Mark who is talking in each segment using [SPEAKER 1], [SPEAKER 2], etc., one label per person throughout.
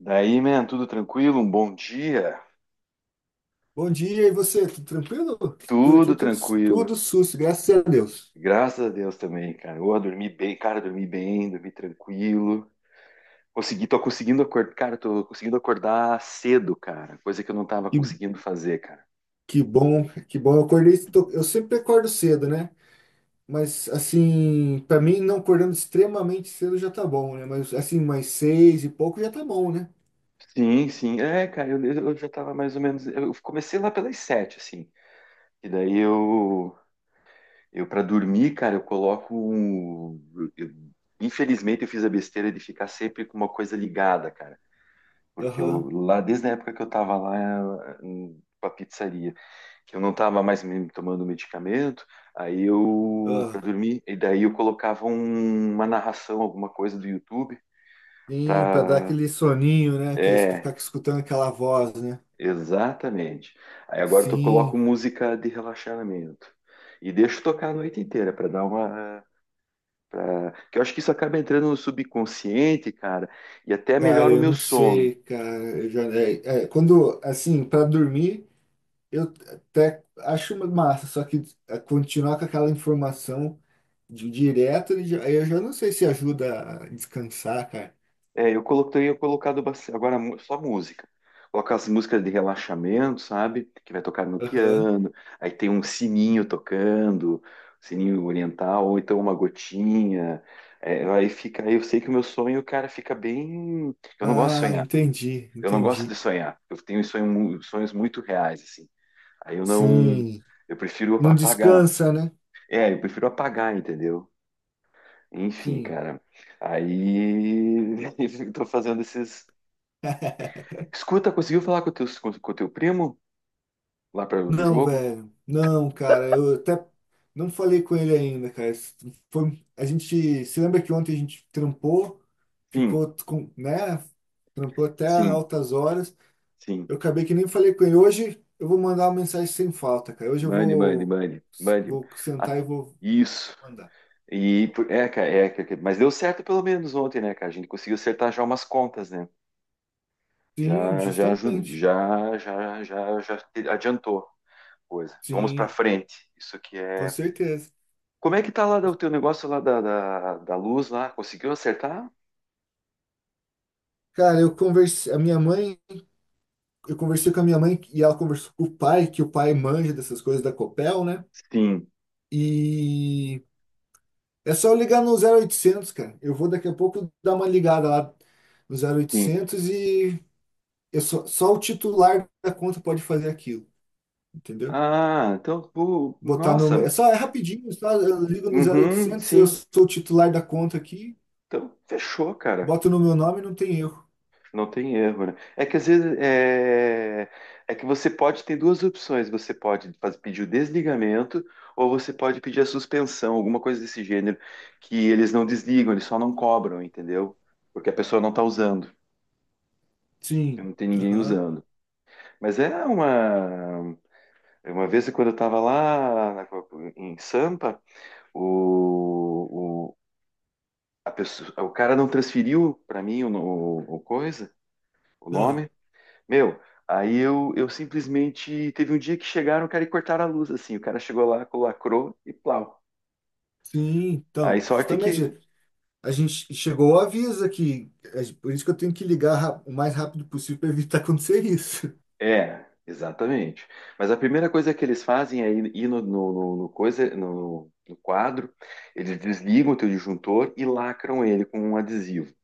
[SPEAKER 1] Daí, man, tudo tranquilo? Um bom dia?
[SPEAKER 2] Bom dia, e você? Tudo tranquilo? Por aqui
[SPEAKER 1] Tudo
[SPEAKER 2] tudo,
[SPEAKER 1] tranquilo.
[SPEAKER 2] tudo sus, graças a Deus.
[SPEAKER 1] Graças a Deus também, cara. Eu dormi bem, cara, dormi bem, dormi tranquilo. Consegui, tô conseguindo acordar, cara, tô conseguindo acordar cedo, cara. Coisa que eu não tava
[SPEAKER 2] Que,
[SPEAKER 1] conseguindo fazer, cara.
[SPEAKER 2] que bom, que bom. Eu acordei, eu sempre acordo cedo, né? Mas assim, pra mim não acordando extremamente cedo já tá bom, né? Mas assim, mais seis e pouco já tá bom, né?
[SPEAKER 1] Sim, sim. É, cara, eu já tava mais ou menos. Eu comecei lá pelas 7, assim. E daí eu para dormir, cara, eu coloco um. eu- Infelizmente eu fiz a besteira de ficar sempre com uma coisa ligada, cara. Porque
[SPEAKER 2] Aham.
[SPEAKER 1] eu, lá, desde a época que eu estava lá com a pizzaria, que eu não estava mais me tomando medicamento, aí eu, para
[SPEAKER 2] Ah.
[SPEAKER 1] dormir, e daí eu colocava uma narração, alguma coisa do YouTube,
[SPEAKER 2] Sim, pra dar
[SPEAKER 1] para.
[SPEAKER 2] aquele soninho, né? Que é
[SPEAKER 1] É,
[SPEAKER 2] ficar escutando aquela voz, né?
[SPEAKER 1] exatamente. Aí agora eu coloco
[SPEAKER 2] Sim,
[SPEAKER 1] música de relaxamento. E deixo tocar a noite inteira para dar uma. Pra que eu acho que isso acaba entrando no subconsciente, cara, e até
[SPEAKER 2] cara,
[SPEAKER 1] melhora o
[SPEAKER 2] eu
[SPEAKER 1] meu
[SPEAKER 2] não
[SPEAKER 1] sono.
[SPEAKER 2] sei, cara. Eu já, quando, assim, pra dormir. Eu até acho uma massa, só que continuar com aquela informação de direto, aí eu já não sei se ajuda a descansar, cara.
[SPEAKER 1] É, eu coloquei eu colocado bastante, agora só música. Colocar as músicas de relaxamento, sabe? Que vai tocar no
[SPEAKER 2] Aham.
[SPEAKER 1] piano. Aí tem um sininho tocando, sininho oriental, ou então uma gotinha. É, aí fica, aí eu sei que o meu sonho, cara, fica bem. Eu não gosto de
[SPEAKER 2] Ah,
[SPEAKER 1] sonhar.
[SPEAKER 2] entendi,
[SPEAKER 1] Eu não gosto de
[SPEAKER 2] entendi.
[SPEAKER 1] sonhar. Eu tenho sonhos muito reais, assim. Aí eu não.
[SPEAKER 2] Sim,
[SPEAKER 1] Eu prefiro
[SPEAKER 2] não
[SPEAKER 1] apagar.
[SPEAKER 2] descansa, né?
[SPEAKER 1] É, eu prefiro apagar, entendeu? Enfim,
[SPEAKER 2] Sim.
[SPEAKER 1] cara. Aí eu tô fazendo esses. Escuta, conseguiu falar com o teu, com o teu primo lá para do
[SPEAKER 2] Não,
[SPEAKER 1] jogo?
[SPEAKER 2] velho. Não, cara, eu até não falei com ele ainda, cara. Foi, a gente, se lembra que ontem a gente trampou,
[SPEAKER 1] Sim,
[SPEAKER 2] ficou com, né? Trampou até
[SPEAKER 1] sim,
[SPEAKER 2] altas horas.
[SPEAKER 1] sim.
[SPEAKER 2] Eu acabei que nem falei com ele. Hoje eu vou mandar uma mensagem sem falta, cara. Hoje eu
[SPEAKER 1] Mande, mande,
[SPEAKER 2] vou,
[SPEAKER 1] mande, mande.
[SPEAKER 2] vou
[SPEAKER 1] Ah,
[SPEAKER 2] sentar e vou
[SPEAKER 1] isso.
[SPEAKER 2] mandar.
[SPEAKER 1] E é, cara, é, mas deu certo pelo menos ontem, né, cara? A gente conseguiu acertar já umas contas, né?
[SPEAKER 2] Sim,
[SPEAKER 1] Já, já,
[SPEAKER 2] justamente.
[SPEAKER 1] já, já, já, adiantou a coisa. Vamos para
[SPEAKER 2] Sim,
[SPEAKER 1] frente. Isso que
[SPEAKER 2] com
[SPEAKER 1] é.
[SPEAKER 2] certeza.
[SPEAKER 1] Como é que tá lá o teu negócio lá da luz lá? Conseguiu acertar?
[SPEAKER 2] Cara, eu conversei com a minha mãe e ela conversou com o pai, que o pai manja dessas coisas da Copel, né?
[SPEAKER 1] Sim,
[SPEAKER 2] E é só eu ligar no zero oitocentos, cara. Eu vou daqui a pouco dar uma ligada lá no zero
[SPEAKER 1] sim.
[SPEAKER 2] oitocentos e eu só o titular da conta pode fazer aquilo, entendeu?
[SPEAKER 1] Ah, então, pô,
[SPEAKER 2] Botar no.
[SPEAKER 1] nossa.
[SPEAKER 2] É só, é rapidinho, só eu ligo no zero
[SPEAKER 1] Uhum,
[SPEAKER 2] oitocentos, eu
[SPEAKER 1] sim.
[SPEAKER 2] sou o titular da conta aqui,
[SPEAKER 1] Então, fechou, cara.
[SPEAKER 2] boto no meu nome, não tem erro.
[SPEAKER 1] Não tem erro, né? É que às vezes é que você pode ter duas opções. Você pode pedir o desligamento ou você pode pedir a suspensão, alguma coisa desse gênero, que eles não desligam, eles só não cobram, entendeu? Porque a pessoa não está usando,
[SPEAKER 2] Sim.
[SPEAKER 1] não tem ninguém
[SPEAKER 2] Aham.
[SPEAKER 1] usando. Mas é uma vez quando eu estava em Sampa, o, o, a pessoa, o cara não transferiu para mim o coisa, o
[SPEAKER 2] Ah,
[SPEAKER 1] nome. Meu, aí eu simplesmente teve um dia que chegaram, cara, e cortaram a luz, assim. O cara chegou lá, lacrou e plau.
[SPEAKER 2] sim,
[SPEAKER 1] Aí
[SPEAKER 2] então,
[SPEAKER 1] sorte que.
[SPEAKER 2] justamente, a gente chegou ao aviso aqui, é por isso que eu tenho que ligar o mais rápido possível para evitar acontecer isso.
[SPEAKER 1] É, exatamente. Mas a primeira coisa que eles fazem é ir no coisa, no quadro, eles desligam o teu disjuntor e lacram ele com um adesivo.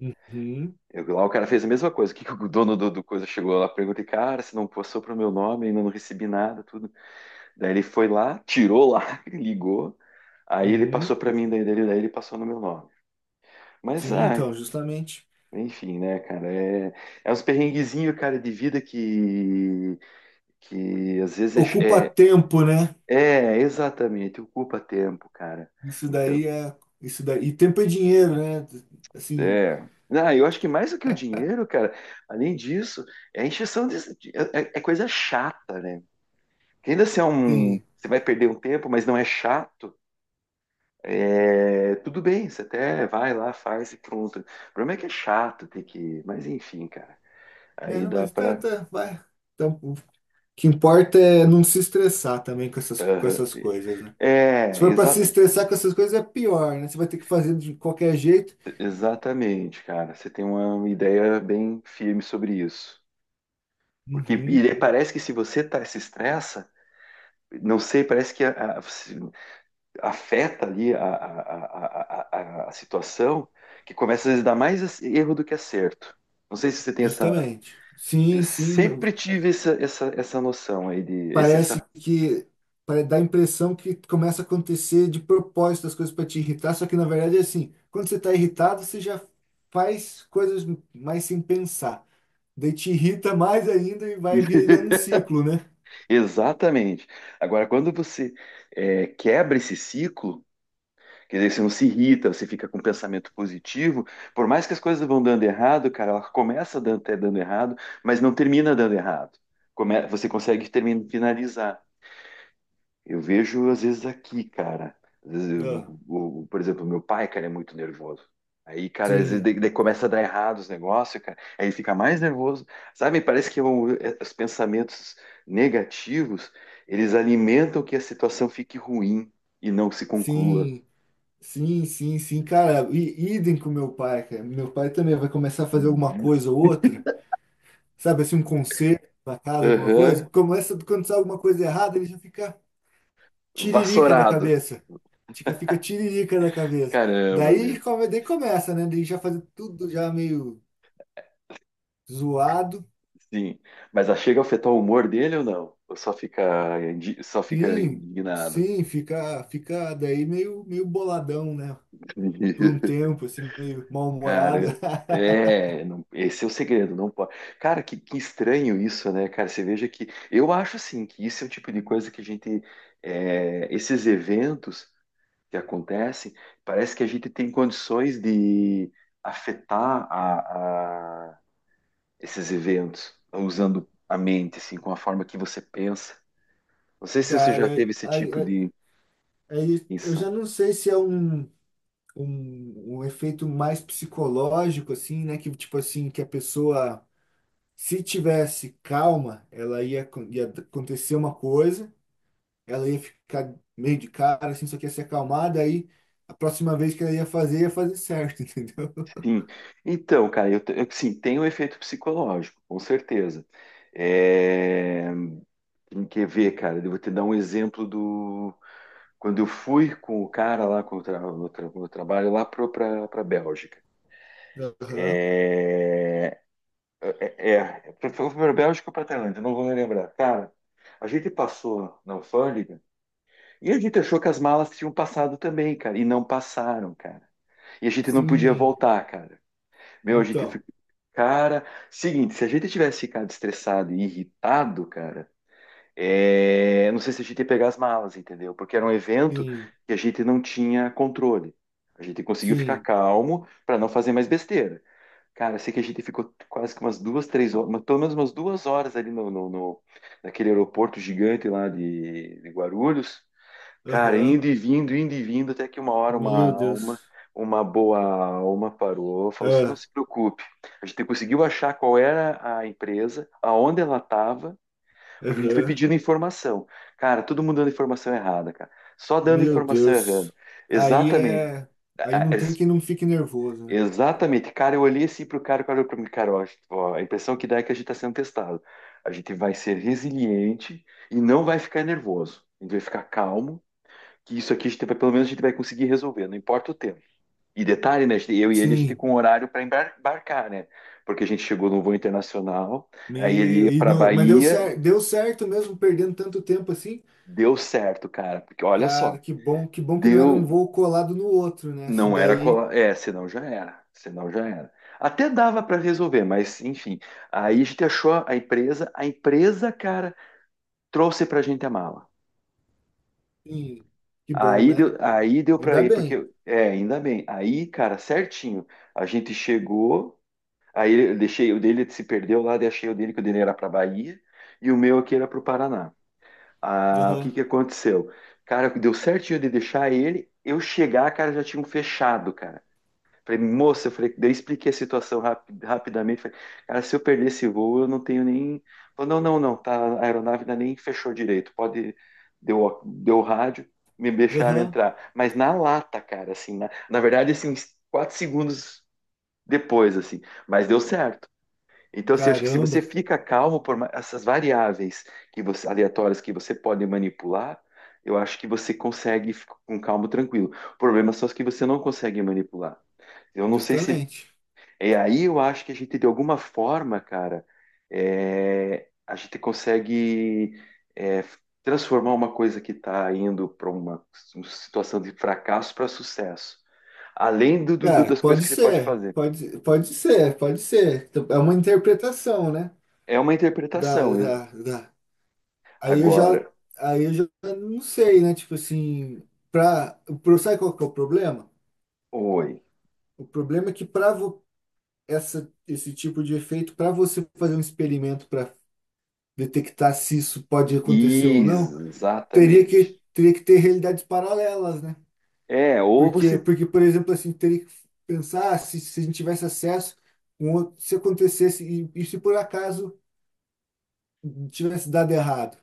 [SPEAKER 2] Uhum,
[SPEAKER 1] Eu, lá o cara fez a mesma coisa. O que o dono do coisa chegou lá, perguntei, cara, se não passou pro meu nome, ainda não recebi nada, tudo. Daí ele foi lá, tirou lá, ligou, aí ele passou
[SPEAKER 2] uhum.
[SPEAKER 1] para mim, daí ele passou no meu nome. Mas,
[SPEAKER 2] Sim,
[SPEAKER 1] ah,
[SPEAKER 2] então, justamente.
[SPEAKER 1] enfim, né, cara? É, é uns perrenguezinhos, cara, de vida que às vezes
[SPEAKER 2] Ocupa tempo, né?
[SPEAKER 1] é, é, exatamente, ocupa tempo, cara.
[SPEAKER 2] Isso
[SPEAKER 1] Então,
[SPEAKER 2] daí é. Isso daí. E tempo é dinheiro, né? Assim,
[SPEAKER 1] é. Ah, eu acho que mais do que o dinheiro, cara, além disso, é encheção de, é coisa chata, né? Que ainda se é um.
[SPEAKER 2] sim.
[SPEAKER 1] Você vai perder um tempo, mas não é chato. É, tudo bem, você até vai lá, faz e pronto. O problema é que é chato ter que. Mas enfim, cara.
[SPEAKER 2] É,
[SPEAKER 1] Aí
[SPEAKER 2] não,
[SPEAKER 1] dá
[SPEAKER 2] mas tá,
[SPEAKER 1] pra.
[SPEAKER 2] tá, vai. Então, que importa é não se estressar também com
[SPEAKER 1] Aham.
[SPEAKER 2] essas coisas, né? Se
[SPEAKER 1] É,
[SPEAKER 2] for para se estressar com essas coisas, é pior, né? Você vai ter que fazer de qualquer jeito.
[SPEAKER 1] exatamente, cara. Você tem uma ideia bem firme sobre isso. Porque
[SPEAKER 2] Uhum,
[SPEAKER 1] e é, parece que se você tá, se estressa, não sei, parece que afeta ali a, a situação, que começa às vezes a dar mais erro do que acerto. Não sei se você tem essa.
[SPEAKER 2] justamente.
[SPEAKER 1] Eu
[SPEAKER 2] Sim, sim.
[SPEAKER 1] sempre tive essa, essa noção aí de. esse-
[SPEAKER 2] Parece
[SPEAKER 1] essa...
[SPEAKER 2] que dá a impressão que começa a acontecer de propósito as coisas para te irritar, só que na verdade é assim, quando você está irritado, você já faz coisas mais sem pensar. Daí te irrita mais ainda e vai virando um ciclo, né?
[SPEAKER 1] Exatamente. Agora, quando você quebra esse ciclo. Porque daí você não se irrita, você fica com um pensamento positivo. Por mais que as coisas vão dando errado, cara, ela começa dando, até dando errado, mas não termina dando errado. Você consegue terminar, finalizar. Eu vejo, às vezes, aqui, cara. Às vezes,
[SPEAKER 2] Ah,
[SPEAKER 1] por exemplo, meu pai, cara, é muito nervoso. Aí, cara, às vezes
[SPEAKER 2] sim,
[SPEAKER 1] daí começa a dar errado os negócios, cara. Aí ele fica mais nervoso. Sabe, parece que os pensamentos negativos, eles alimentam que a situação fique ruim e não se conclua.
[SPEAKER 2] sim. Sim, sim, sim, cara, e idem com meu pai, cara. Meu pai também vai começar a fazer alguma coisa ou outra, sabe, assim, um concerto pra casa, alguma coisa.
[SPEAKER 1] Aham.
[SPEAKER 2] Começa quando sai alguma coisa errada, ele já fica tiririca da
[SPEAKER 1] Vassourado.
[SPEAKER 2] cabeça. Fica, fica tiririca da cabeça.
[SPEAKER 1] Caramba,
[SPEAKER 2] Daí,
[SPEAKER 1] meu.
[SPEAKER 2] daí começa, né? Daí já fazer tudo já meio zoado.
[SPEAKER 1] Sim. Mas a chega a afetar o humor dele ou não? Ou só fica, só fica
[SPEAKER 2] Sim,
[SPEAKER 1] indignado?
[SPEAKER 2] sim, fica daí meio boladão, né? Por um tempo, assim, meio mal-humorado.
[SPEAKER 1] Cara, é, esse é o segredo, não pode. Cara, que estranho isso, né, cara? Você veja que eu acho assim que isso é o tipo de coisa que a gente, é, esses eventos que acontecem, parece que a gente tem condições de afetar a, esses eventos, usando a mente, assim, com a forma que você pensa. Não sei se você
[SPEAKER 2] Cara,
[SPEAKER 1] já teve
[SPEAKER 2] eu,
[SPEAKER 1] esse tipo de
[SPEAKER 2] aí eu
[SPEAKER 1] insight.
[SPEAKER 2] já não sei se é um. Um efeito mais psicológico, assim, né? Que tipo assim, que a pessoa, se tivesse calma, ela ia, ia acontecer uma coisa, ela ia ficar meio de cara, assim, só que ia se acalmar, daí a próxima vez que ela ia fazer certo, entendeu?
[SPEAKER 1] Sim. Então, cara, eu sim, tem um efeito psicológico, com certeza. É. Tem que ver, cara. Eu vou te dar um exemplo do. Quando eu fui com o cara lá com o tra- no trabalho lá para Bélgica.
[SPEAKER 2] Aham.
[SPEAKER 1] É, É, foi para Bélgica ou para Tailândia, não vou me lembrar. Cara, a gente passou na alfândega e a gente achou que as malas tinham passado também, cara, e não passaram, cara. E a gente não podia
[SPEAKER 2] Sim,
[SPEAKER 1] voltar, cara. Meu, a gente
[SPEAKER 2] então,
[SPEAKER 1] cara, seguinte, se a gente tivesse ficado estressado e irritado, cara, é, não sei se a gente ia pegar as malas, entendeu? Porque era um evento
[SPEAKER 2] sim,
[SPEAKER 1] que a gente não tinha controle. A gente conseguiu ficar
[SPEAKER 2] sim,
[SPEAKER 1] calmo para não fazer mais besteira. Cara, eu sei que a gente ficou quase que umas duas, três horas, mas pelo menos umas duas horas ali naquele aeroporto gigante lá de Guarulhos. Cara,
[SPEAKER 2] aham.
[SPEAKER 1] indo e vindo, até que uma hora uma
[SPEAKER 2] Meu
[SPEAKER 1] alma,
[SPEAKER 2] Deus.
[SPEAKER 1] uma boa alma parou, falou assim, não
[SPEAKER 2] Ah,
[SPEAKER 1] se preocupe, a gente conseguiu achar qual era a empresa, aonde ela estava, porque a gente foi
[SPEAKER 2] aham.
[SPEAKER 1] pedindo informação. Cara, todo mundo dando informação errada, cara. Só dando
[SPEAKER 2] Meu
[SPEAKER 1] informação errada.
[SPEAKER 2] Deus. Aí
[SPEAKER 1] Exatamente.
[SPEAKER 2] é. Aí
[SPEAKER 1] Ah,
[SPEAKER 2] não tem quem não fique nervoso, né?
[SPEAKER 1] exatamente. Cara, eu olhei assim pro cara, o cara olhou pra mim, cara, ó, a impressão que dá é que a gente tá sendo testado. A gente vai ser resiliente e não vai ficar nervoso. A gente vai ficar calmo que isso aqui a gente vai, pelo menos a gente vai conseguir resolver, não importa o tempo. E detalhe, né? Eu e ele, a gente
[SPEAKER 2] Sim.
[SPEAKER 1] com horário para embarcar, né? Porque a gente chegou no voo internacional, aí ele
[SPEAKER 2] Meu,
[SPEAKER 1] ia
[SPEAKER 2] e
[SPEAKER 1] para
[SPEAKER 2] não, mas
[SPEAKER 1] Bahia,
[SPEAKER 2] deu certo mesmo perdendo tanto tempo assim.
[SPEAKER 1] deu certo, cara. Porque olha só,
[SPEAKER 2] Cara, que bom, que bom que não era um
[SPEAKER 1] deu.
[SPEAKER 2] voo colado no outro, né? Se
[SPEAKER 1] Não era
[SPEAKER 2] daí,
[SPEAKER 1] colar. É, senão já era. Senão já era. Até dava para resolver, mas enfim. Aí a gente achou a empresa, cara, trouxe pra gente a mala.
[SPEAKER 2] sim, que bom, né?
[SPEAKER 1] Aí deu para
[SPEAKER 2] Ainda
[SPEAKER 1] ir,
[SPEAKER 2] bem.
[SPEAKER 1] porque. É, ainda bem. Aí, cara, certinho. A gente chegou. Aí eu deixei o dele se perdeu lá, deixei o dele que o dele era para Bahia e o meu aqui era para o Paraná. Ah, o
[SPEAKER 2] Aham,
[SPEAKER 1] que que aconteceu? Cara, deu certinho de deixar ele, eu chegar, cara, já tinham fechado, cara. Falei, moça, eu falei, daí eu expliquei a situação rapidamente. Falei, cara, se eu perder esse voo, eu não tenho nem. Falou, não, não, não, tá, a aeronave ainda nem fechou direito. Pode. Deu o rádio, me deixaram
[SPEAKER 2] aham.
[SPEAKER 1] entrar. Mas na lata, cara, assim, na verdade, assim, uns quatro segundos depois, assim. Mas deu certo. Então, assim, eu acho que se você
[SPEAKER 2] Caramba,
[SPEAKER 1] fica calmo por essas variáveis que você, aleatórias que você pode manipular, eu acho que você consegue ficar com calmo, tranquilo. O problema são as que você não consegue manipular. Eu não sei se.
[SPEAKER 2] justamente.
[SPEAKER 1] É aí eu acho que a gente, de alguma forma, cara, é, a gente consegue é, transformar uma coisa que está indo para uma situação de fracasso para sucesso. Além
[SPEAKER 2] Cara,
[SPEAKER 1] das coisas
[SPEAKER 2] pode
[SPEAKER 1] que você pode
[SPEAKER 2] ser,
[SPEAKER 1] fazer.
[SPEAKER 2] pode ser, pode ser. É uma interpretação, né?
[SPEAKER 1] É uma
[SPEAKER 2] Da,
[SPEAKER 1] interpretação, né?
[SPEAKER 2] da, da. Aí eu já,
[SPEAKER 1] Agora,
[SPEAKER 2] aí eu já não sei, né? Tipo assim, sabe qual que é o problema?
[SPEAKER 1] oi.
[SPEAKER 2] O problema é que para esse tipo de efeito para você fazer um experimento para detectar se isso pode acontecer ou não, teria
[SPEAKER 1] Exatamente.
[SPEAKER 2] que, teria que ter realidades paralelas, né?
[SPEAKER 1] É, ou você.
[SPEAKER 2] Por exemplo, assim, teria que pensar se a gente tivesse acesso, se acontecesse e se por acaso tivesse dado errado,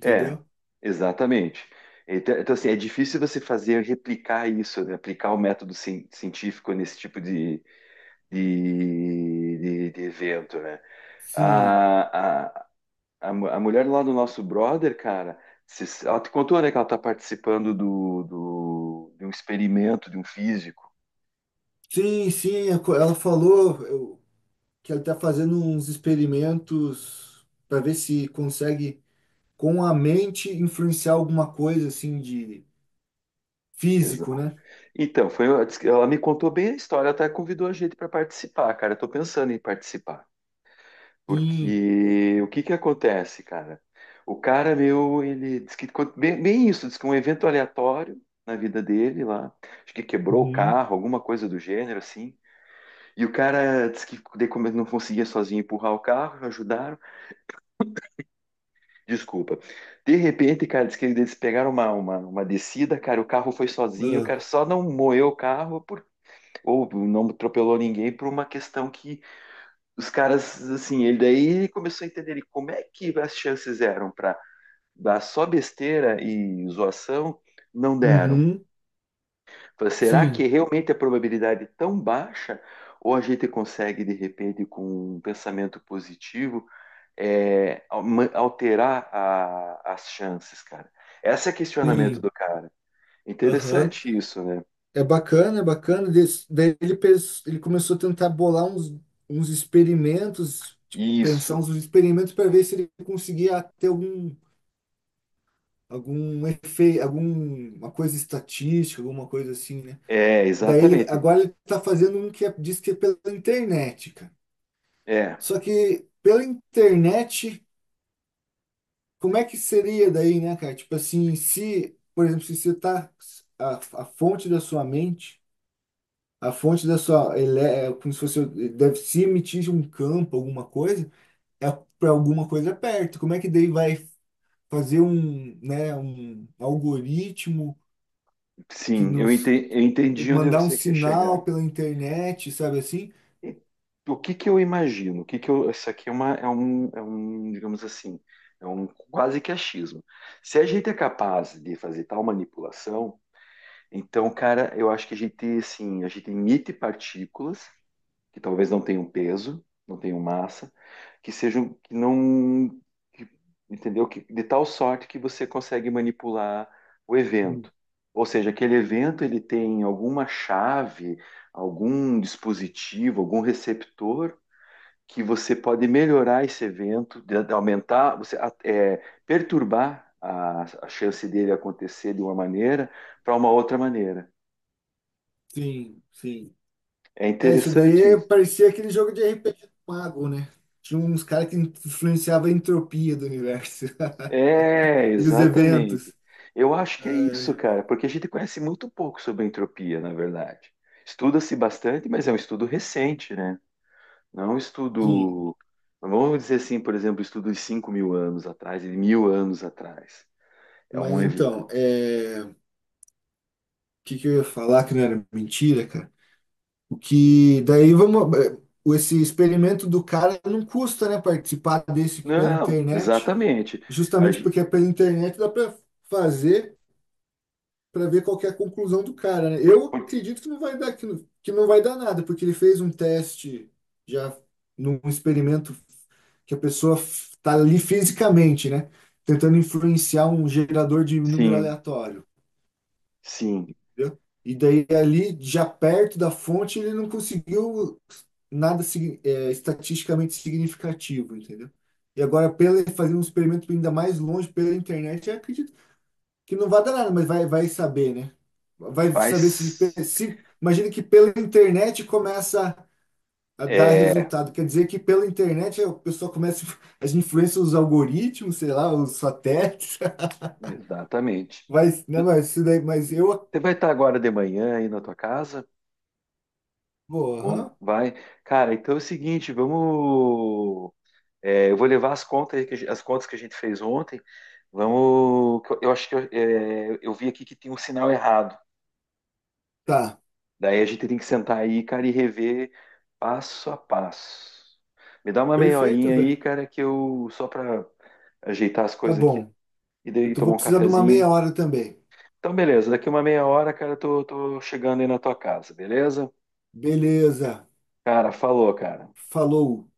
[SPEAKER 1] É, exatamente. Assim, é difícil você fazer replicar isso, né? Aplicar o método científico nesse tipo de, de evento, né?
[SPEAKER 2] Sim,
[SPEAKER 1] A, a, a mulher lá do nosso brother, cara, ela te contou, né, que ela está participando de um experimento de um físico.
[SPEAKER 2] sim, sim, que ela está fazendo uns experimentos para ver se consegue com a mente influenciar alguma coisa assim de físico,
[SPEAKER 1] Exato.
[SPEAKER 2] né?
[SPEAKER 1] Então, foi, ela me contou bem a história, ela até convidou a gente para participar, cara. Eu tô pensando em participar.
[SPEAKER 2] Sim.
[SPEAKER 1] Porque o que que acontece, cara? O cara meu, ele diz que bem, bem isso, diz que um evento aleatório na vida dele lá, acho que quebrou o
[SPEAKER 2] Uhum.
[SPEAKER 1] carro, alguma coisa do gênero assim. E o cara disse que daí como ele não conseguia sozinho empurrar o carro, ajudaram, desculpa. De repente, cara, diz que eles pegaram uma descida, cara, o carro foi sozinho, o
[SPEAKER 2] Ah.
[SPEAKER 1] cara só não moeu o carro por, ou não atropelou ninguém por uma questão que os caras, assim, ele daí começou a entender ele, como é que as chances eram para dar só besteira e zoação, não deram.
[SPEAKER 2] Uhum.
[SPEAKER 1] Falei, será que
[SPEAKER 2] Sim.
[SPEAKER 1] realmente a probabilidade é tão baixa? Ou a gente consegue, de repente, com um pensamento positivo, é, alterar as chances, cara? Esse é o questionamento
[SPEAKER 2] Sim.
[SPEAKER 1] do cara.
[SPEAKER 2] Aham.
[SPEAKER 1] Interessante isso, né?
[SPEAKER 2] É bacana, é bacana. Daí ele começou a tentar bolar uns experimentos, tipo, pensar
[SPEAKER 1] Isso.
[SPEAKER 2] uns experimentos para ver se ele conseguia ter algum efeito, alguma coisa estatística, alguma coisa assim, né?
[SPEAKER 1] É,
[SPEAKER 2] Daí ele,
[SPEAKER 1] exatamente.
[SPEAKER 2] agora ele está fazendo um diz que é pela internet, cara.
[SPEAKER 1] É,
[SPEAKER 2] Só que pela internet como é que seria daí, né, cara? Tipo assim, se, por exemplo, se você tá a fonte da sua mente, a fonte da sua, ele é como se fosse, deve se emitir um campo, alguma coisa, é para alguma coisa perto. Como é que daí vai fazer um, né, um algoritmo que
[SPEAKER 1] sim, eu
[SPEAKER 2] nos
[SPEAKER 1] eu entendi onde
[SPEAKER 2] mandar um
[SPEAKER 1] você quer
[SPEAKER 2] sinal
[SPEAKER 1] chegar.
[SPEAKER 2] pela internet, sabe assim?
[SPEAKER 1] E o que que eu imagino? O que que eu, isso aqui é, um, digamos assim, é um quase que achismo. Se a gente é capaz de fazer tal manipulação, então, cara, eu acho que a gente, assim, a gente emite partículas que talvez não tenham peso, não tenham massa, que sejam, que não, que- entendeu? Que, de tal sorte que você consegue manipular o evento. Ou seja, aquele evento ele tem alguma chave, algum dispositivo, algum receptor que você pode melhorar esse evento, de aumentar, você é, perturbar a chance dele acontecer de uma maneira para uma outra maneira.
[SPEAKER 2] Sim, sim.
[SPEAKER 1] É
[SPEAKER 2] É, isso daí é,
[SPEAKER 1] interessante.
[SPEAKER 2] parecia aquele jogo de RPG do mago, né? Tinha uns caras que influenciavam a entropia do universo
[SPEAKER 1] É,
[SPEAKER 2] e os
[SPEAKER 1] exatamente.
[SPEAKER 2] eventos.
[SPEAKER 1] Eu acho que é isso,
[SPEAKER 2] É,
[SPEAKER 1] cara, porque a gente conhece muito pouco sobre a entropia, na verdade. Estuda-se bastante, mas é um estudo recente, né? Não é um
[SPEAKER 2] sim,
[SPEAKER 1] estudo, vamos dizer assim, por exemplo, estudo de 5 mil anos atrás, e de 1.000 anos atrás. É
[SPEAKER 2] mas
[SPEAKER 1] um. Ev.
[SPEAKER 2] então, o que que eu ia falar que não era mentira, cara? O que daí vamos. Esse experimento do cara não custa, né? Participar desse aqui pela
[SPEAKER 1] Não,
[SPEAKER 2] internet,
[SPEAKER 1] exatamente. A
[SPEAKER 2] justamente
[SPEAKER 1] gen.
[SPEAKER 2] porque é pela internet dá para fazer, para ver qual que é a conclusão do cara, né? Eu acredito que não vai dar, que não vai dar nada, porque ele fez um teste já num experimento que a pessoa está ali fisicamente, né? Tentando influenciar um gerador de número
[SPEAKER 1] Sim,
[SPEAKER 2] aleatório,
[SPEAKER 1] sim,
[SPEAKER 2] entendeu? E daí ali, já perto da fonte, ele não conseguiu nada estatisticamente significativo, entendeu? E agora, pela fazer um experimento ainda mais longe pela internet, eu acredito que não vai dar nada, mas vai saber, né? Vai saber se,
[SPEAKER 1] faz.
[SPEAKER 2] se. Imagina que pela internet começa a dar
[SPEAKER 1] É,
[SPEAKER 2] resultado. Quer dizer que pela internet o pessoal começa. As influências, os algoritmos, sei lá, os satélites.
[SPEAKER 1] exatamente.
[SPEAKER 2] Mas né, mas, isso daí, mas eu.
[SPEAKER 1] Você vai estar agora de manhã aí na tua casa?
[SPEAKER 2] Pô,
[SPEAKER 1] Ou
[SPEAKER 2] aham.
[SPEAKER 1] vai. Cara, então é o seguinte, vamos. É, eu vou levar as contas, aí que as contas que a gente fez ontem. Vamos. Que eu acho que eu, eu vi aqui que tem um sinal errado.
[SPEAKER 2] Tá.
[SPEAKER 1] Daí a gente tem que sentar aí, cara, e rever passo a passo. Me dá uma meia
[SPEAKER 2] Perfeito,
[SPEAKER 1] horinha
[SPEAKER 2] velho.
[SPEAKER 1] aí, cara, que eu só para ajeitar as
[SPEAKER 2] Tá
[SPEAKER 1] coisas aqui
[SPEAKER 2] bom.
[SPEAKER 1] e
[SPEAKER 2] Eu
[SPEAKER 1] daí
[SPEAKER 2] vou
[SPEAKER 1] tomar um
[SPEAKER 2] precisar de uma meia
[SPEAKER 1] cafezinho.
[SPEAKER 2] hora também.
[SPEAKER 1] Então, beleza. Daqui uma meia hora, cara, tô chegando aí na tua casa, beleza?
[SPEAKER 2] Beleza.
[SPEAKER 1] Cara, falou, cara.
[SPEAKER 2] Falou.